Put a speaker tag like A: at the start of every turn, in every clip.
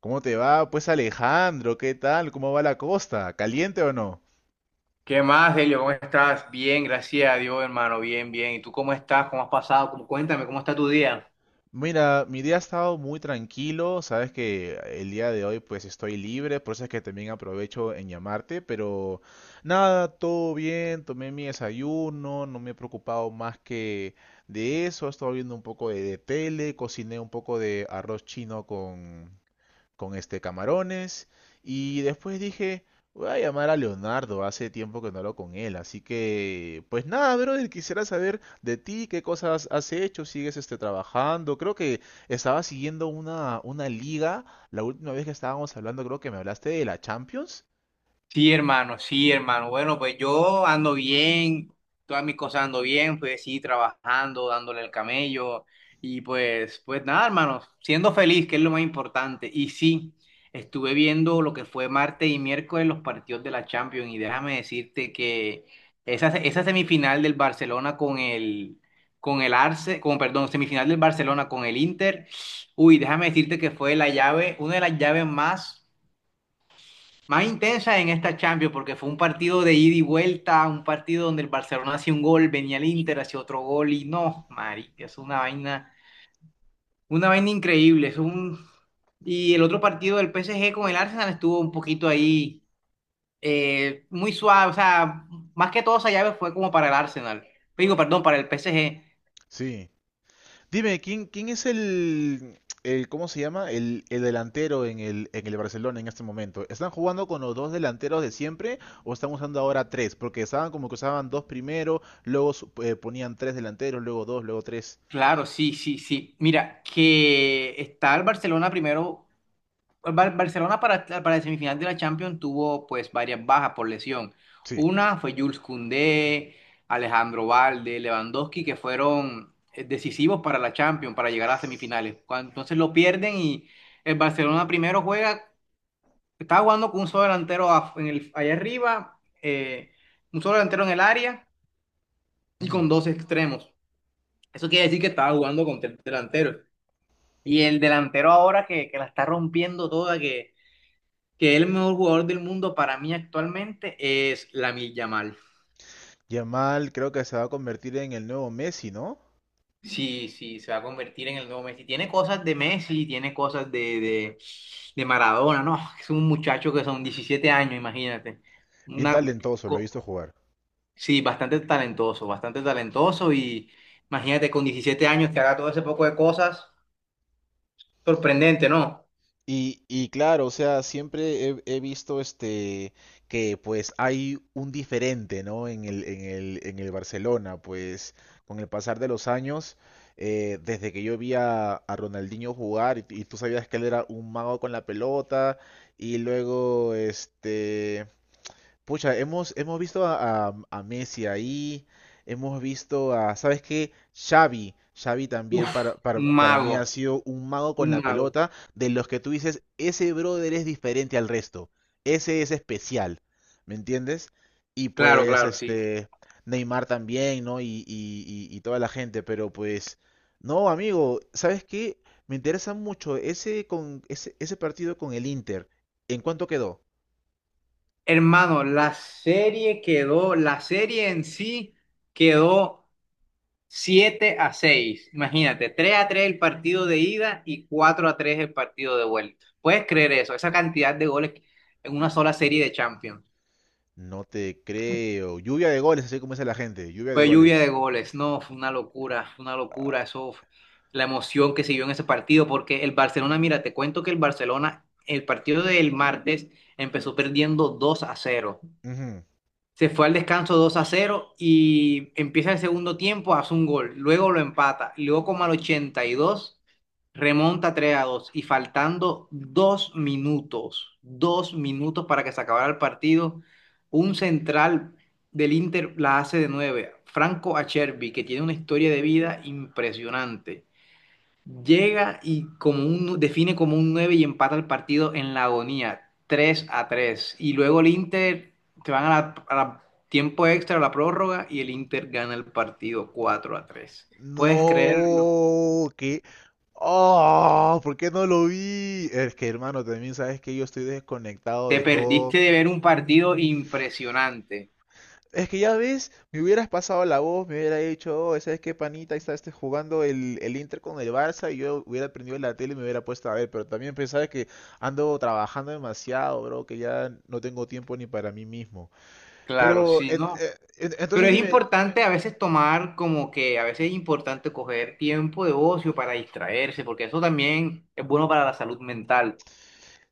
A: ¿Cómo te va? Pues Alejandro, ¿qué tal? ¿Cómo va la costa? ¿Caliente o no?
B: ¿Qué más, Delio? ¿Cómo estás? Bien, gracias a Dios, hermano. Bien, bien. ¿Y tú cómo estás? ¿Cómo has pasado? Cuéntame, ¿cómo está tu día?
A: Mira, mi día ha estado muy tranquilo, sabes que el día de hoy pues estoy libre, por eso es que también aprovecho en llamarte, pero nada, todo bien, tomé mi desayuno, no me he preocupado más que de eso, he estado viendo un poco de tele, cociné un poco de arroz chino con este camarones. Y después dije, voy a llamar a Leonardo, hace tiempo que no hablo con él. Así que, pues nada, brother, quisiera saber de ti, qué cosas has hecho, sigues este trabajando. Creo que estaba siguiendo una liga. La última vez que estábamos hablando, creo que me hablaste de la Champions.
B: Sí, hermano, sí, hermano. Bueno, pues yo ando bien, todas mis cosas ando bien, pues sí, trabajando, dándole el camello y pues nada, hermano, siendo feliz, que es lo más importante. Y sí, estuve viendo lo que fue martes y miércoles los partidos de la Champions y déjame decirte que esa semifinal del Barcelona con el Arce, con, perdón, semifinal del Barcelona con el Inter. Uy, déjame decirte que fue la llave, una de las llaves más intensa en esta Champions, porque fue un partido de ida y vuelta, un partido donde el Barcelona hacía un gol, venía el Inter, hacía otro gol, y no, Mari, es una vaina increíble. Y el otro partido del PSG con el Arsenal estuvo un poquito ahí, muy suave, o sea, más que todo esa llave fue como para el Arsenal. Digo, perdón, para el PSG.
A: Sí. Dime, ¿quién es ¿cómo se llama? El delantero en el Barcelona en este momento. ¿Están jugando con los dos delanteros de siempre o están usando ahora tres? Porque estaban como que usaban dos primero, luego ponían tres delanteros, luego dos, luego tres.
B: Claro, sí, sí, sí. Mira, que está el Barcelona primero. Barcelona para el semifinal de la Champions tuvo pues varias bajas por lesión.
A: Sí.
B: Una fue Jules Koundé, Alejandro Valde, Lewandowski, que fueron decisivos para la Champions, para llegar a semifinales. Entonces lo pierden y el Barcelona primero juega, estaba jugando con un solo delantero allá arriba, un solo delantero en el área y con
A: Ujú.
B: dos extremos. Eso quiere decir que estaba jugando con tres delanteros. Y el delantero ahora que la está rompiendo toda, que el mejor jugador del mundo para mí actualmente es Lamil Yamal.
A: Yamal creo que se va a convertir en el nuevo Messi, ¿no?
B: Sí, sí, se va a convertir en el nuevo Messi. Tiene cosas de Messi, tiene cosas de Maradona, ¿no? Es un muchacho que son 17 años, imagínate.
A: Bien
B: Una,
A: talentoso, lo he
B: co-
A: visto jugar.
B: sí, bastante talentoso y imagínate con 17 años que haga todo ese poco de cosas. Sorprendente, ¿no?
A: Y claro, o sea, siempre he visto este que pues hay un diferente, ¿no? En el Barcelona, pues con el pasar de los años, desde que yo vi a Ronaldinho jugar y tú sabías que él era un mago con la pelota y luego este Pucha, hemos visto a, a Messi ahí, hemos visto a, ¿sabes qué? Xavi, Xavi también
B: Uf, un
A: para mí
B: mago,
A: ha sido un mago con
B: un
A: la
B: mago.
A: pelota, de los que tú dices, ese brother es diferente al resto, ese es especial, ¿me entiendes? Y
B: Claro,
A: pues
B: claro, sí.
A: este, Neymar también, ¿no? Y toda la gente, pero pues, no, amigo, ¿sabes qué? Me interesa mucho ese, ese, ese partido con el Inter, ¿en cuánto quedó?
B: Hermano, la serie en sí quedó 7-6. Imagínate, 3-3 el partido de ida y 4-3 el partido de vuelta. ¿Puedes creer eso? Esa cantidad de goles en una sola serie de Champions.
A: No te creo. Lluvia de goles, así como dice la gente. Lluvia de
B: Fue lluvia de
A: goles.
B: goles. No, fue una locura, fue una
A: Ah,
B: locura. Eso, la emoción que se vio en ese partido, porque el Barcelona, mira, te cuento que el Barcelona, el partido del martes empezó perdiendo 2-0.
A: ujú.
B: Se fue al descanso 2-0 y empieza el segundo tiempo, hace un gol, luego lo empata, y luego como al 82 remonta 3-2 y faltando 2 minutos, 2 minutos para que se acabara el partido, un central del Inter la hace de 9 Franco Acerbi, que tiene una historia de vida impresionante. Llega y define como un 9 y empata el partido en la agonía, 3-3. Y luego el Inter se van a tiempo extra, a la prórroga, y el Inter gana el partido 4-3. ¿Puedes creerlo?
A: No, que... Oh, ¿por qué no lo vi? Es que, hermano, también sabes que yo estoy desconectado
B: Te
A: de todo.
B: perdiste de ver un partido impresionante.
A: Es que ya ves, me hubieras pasado la voz, me hubiera dicho, oh, ¿sabes qué, panita? Ahí está este jugando el Inter con el Barça y yo hubiera prendido la tele y me hubiera puesto a ver. Pero también pensaba que ando trabajando demasiado, bro, que ya no tengo tiempo ni para mí mismo.
B: Claro, sí, ¿no? Pero
A: Entonces
B: es
A: dime,
B: importante a veces tomar como que a veces es importante coger tiempo de ocio para distraerse, porque eso también es bueno para la salud mental.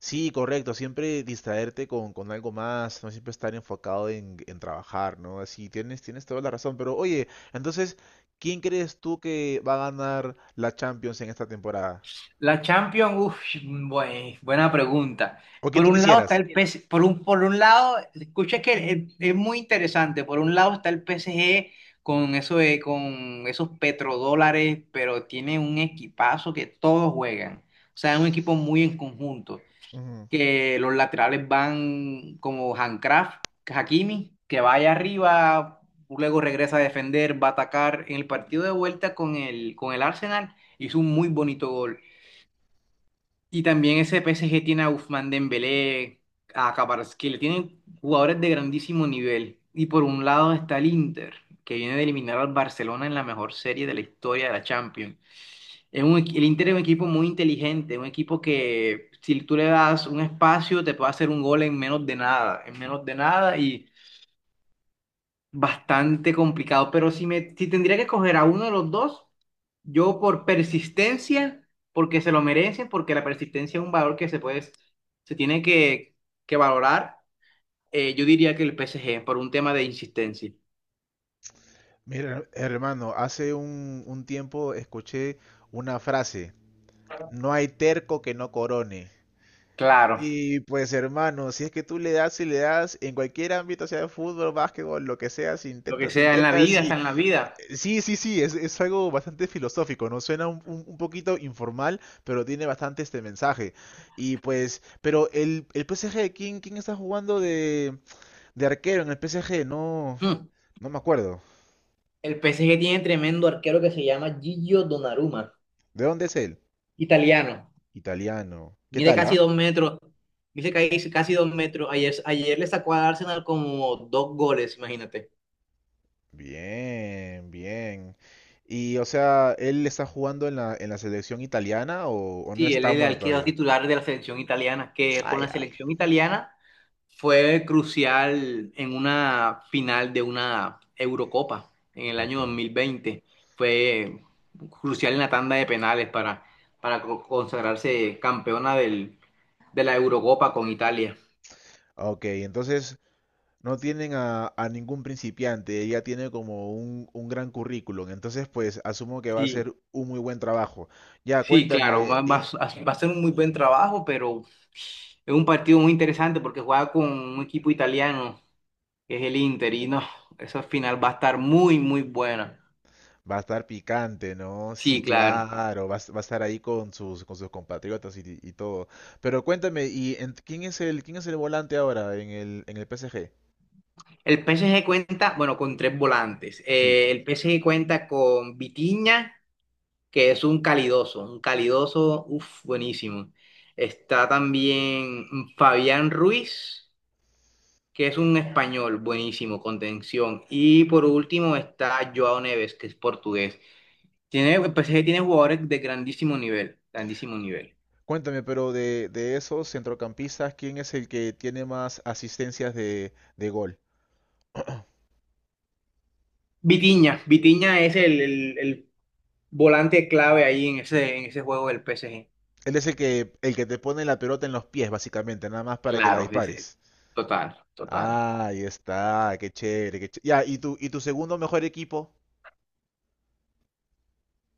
A: sí, correcto, siempre distraerte con algo más, no siempre estar enfocado en trabajar, ¿no? Así tienes, tienes toda la razón, pero oye, entonces, ¿quién crees tú que va a ganar la Champions en esta temporada?
B: La Champions, uff, buena pregunta.
A: ¿O quién
B: Por
A: tú
B: un lado está
A: quisieras?
B: el PSG, por un lado, escucha que es muy interesante. Por un lado está el PSG con con esos petrodólares, pero tiene un equipazo que todos juegan. O sea, es un equipo muy en conjunto.
A: Ujú.
B: Que los laterales van como Handcraft, Hakimi, que vaya arriba, luego regresa a defender, va a atacar. En el partido de vuelta con el Arsenal hizo un muy bonito gol. Y también ese PSG tiene a Ousmane Dembélé, a Kvaratskhelia, tienen jugadores de grandísimo nivel. Y por un lado está el Inter, que viene de eliminar al Barcelona en la mejor serie de la historia de la Champions. El Inter es un equipo muy inteligente, un equipo que si tú le das un espacio te puede hacer un gol en menos de nada, en menos de nada y bastante complicado, pero si tendría que escoger a uno de los dos, yo por persistencia, porque se lo merecen, porque la persistencia es un valor que se puede, se tiene que valorar, yo diría que el PSG, por un tema de insistencia.
A: Mira, hermano, hace un tiempo escuché una frase, no hay terco que no corone.
B: Claro,
A: Y pues hermano, si es que tú le das y le das en cualquier ámbito, sea de fútbol, básquetbol, lo que sea,
B: lo que
A: si
B: sea en la
A: intentas,
B: vida, está
A: sí,
B: en la vida.
A: eh, sí, sí, sí, es algo bastante filosófico, ¿no? Suena un poquito informal, pero tiene bastante este mensaje. Y pues, pero el PSG, ¿quién está jugando de arquero en el PSG? No,
B: Mm.
A: no me acuerdo.
B: El PSG tiene tremendo arquero que se llama Gigio Donnarumma,
A: ¿De dónde es él?
B: italiano.
A: Italiano. ¿Qué
B: Mide
A: tal,
B: casi
A: ah?
B: 2 metros, dice que hay casi 2 metros. Ayer le sacó al Arsenal como dos goles, imagínate.
A: Bien, bien. Y o sea, ¿él está jugando en la selección italiana o no
B: Sí,
A: es
B: él,
A: tan bueno
B: él quedó
A: todavía?
B: titular de la selección italiana, que
A: Ah,
B: con la
A: ya.
B: selección italiana fue crucial en una final de una Eurocopa en el año
A: Ok.
B: 2020. Fue crucial en la tanda de penales para consagrarse campeona de la Eurocopa con Italia.
A: Ok, entonces no tienen a ningún principiante, ella tiene como un gran currículum, entonces pues asumo que va a
B: Sí,
A: ser un muy buen trabajo. Ya,
B: sí, claro,
A: cuéntame,
B: va, va
A: y
B: a va a ser un muy buen trabajo, pero es un partido muy interesante porque juega con un equipo italiano, que es el Inter, y no, esa final va a estar muy, muy buena.
A: va a estar picante, ¿no? Sí,
B: Sí, claro.
A: claro, va a estar ahí con sus compatriotas y todo. Pero cuéntame, ¿quién es el, quién es el volante ahora en el PSG?
B: El PSG cuenta, bueno, con tres volantes.
A: Sí.
B: El PSG cuenta con Vitinha, que es un calidoso, uff, buenísimo. Está también Fabián Ruiz, que es un español, buenísimo, contención. Y por último está Joao Neves, que es portugués. El PSG tiene jugadores de grandísimo nivel, grandísimo nivel.
A: Cuéntame, pero de esos centrocampistas, ¿quién es el que tiene más asistencias de gol?
B: Vitinha es el volante clave ahí en ese juego del PSG.
A: Él es el que te pone la pelota en los pies, básicamente, nada más para que la
B: Claro, dice,
A: dispares.
B: total, total.
A: Ah, ahí está, qué chévere, qué chévere. Ya, ¿y tu segundo mejor equipo?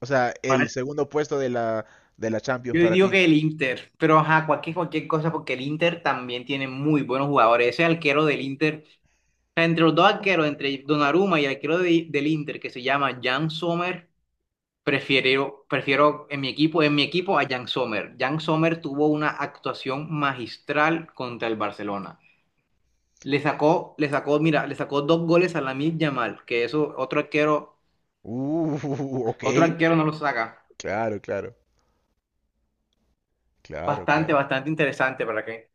A: O sea, el
B: Ahora,
A: segundo puesto de la Champions
B: yo
A: para
B: digo
A: ti.
B: que el Inter, pero ajá, cualquier cosa, porque el Inter también tiene muy buenos jugadores. Ese arquero del Inter, o sea, entre los dos arqueros, entre Donnarumma y el arquero del Inter, que se llama Jan Sommer, prefiero en mi equipo a Jan Sommer. Jan Sommer tuvo una actuación magistral contra el Barcelona. Mira, le sacó dos goles a Lamine Yamal, que eso
A: Uh,
B: otro
A: ok.
B: arquero no lo saca.
A: Claro, claro, claro,
B: Bastante,
A: claro.
B: bastante interesante, ¿para qué?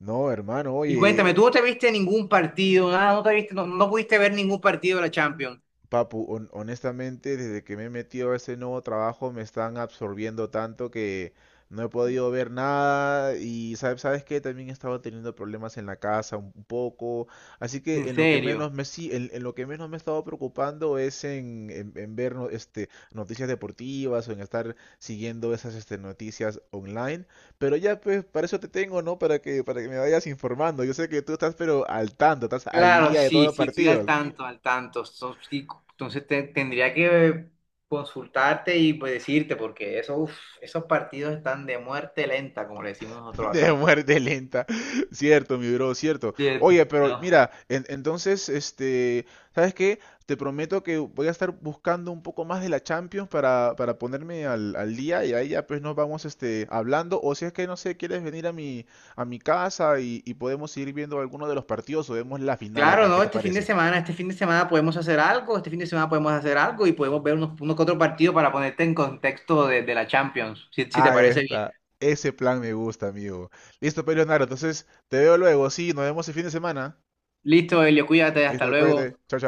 A: No, hermano,
B: Y cuéntame,
A: oye,
B: ¿tú no te viste ningún partido? Nada, no te viste, no, no pudiste ver ningún partido de la Champions.
A: Papu, honestamente, desde que me he metido a ese nuevo trabajo me están absorbiendo tanto que no he podido ver nada y sabes, sabes que también he estado teniendo problemas en la casa un poco, así que
B: En
A: en lo que
B: serio.
A: menos me sí, en lo que menos me he estado preocupando es en ver noticias deportivas o en estar siguiendo esas este, noticias online, pero ya pues para eso te tengo, ¿no? Para que me vayas informando. Yo sé que tú estás pero al tanto, estás al
B: Claro,
A: día de todos
B: sí,
A: los
B: sí, estoy al
A: partidos.
B: tanto, al tanto. Sí, entonces tendría que consultarte y pues, decirte, porque eso, uf, esos partidos están de muerte lenta, como le decimos nosotros
A: De
B: acá.
A: muerte lenta. Cierto, mi bro, cierto.
B: Cierto.
A: Oye, pero
B: No.
A: mira, entonces, este, ¿sabes qué? Te prometo que voy a estar buscando un poco más de la Champions para ponerme al día y ahí ya pues nos vamos este, hablando. O si es que, no sé, quieres venir a mi casa y podemos ir viendo alguno de los partidos o vemos la final
B: Claro,
A: acá. ¿Qué
B: no,
A: te
B: este fin de
A: parece?
B: semana, este fin de semana podemos hacer algo, este fin de semana podemos hacer algo y podemos ver unos, que otros partidos para ponerte en contexto de la Champions, si te
A: Ahí
B: parece bien.
A: está. Ese plan me gusta, amigo. Listo, pues, Leonardo. Entonces, te veo luego. Sí, nos vemos el fin de semana.
B: Listo, Elio, cuídate, hasta
A: Listo, cuídate.
B: luego.
A: Chao, chao.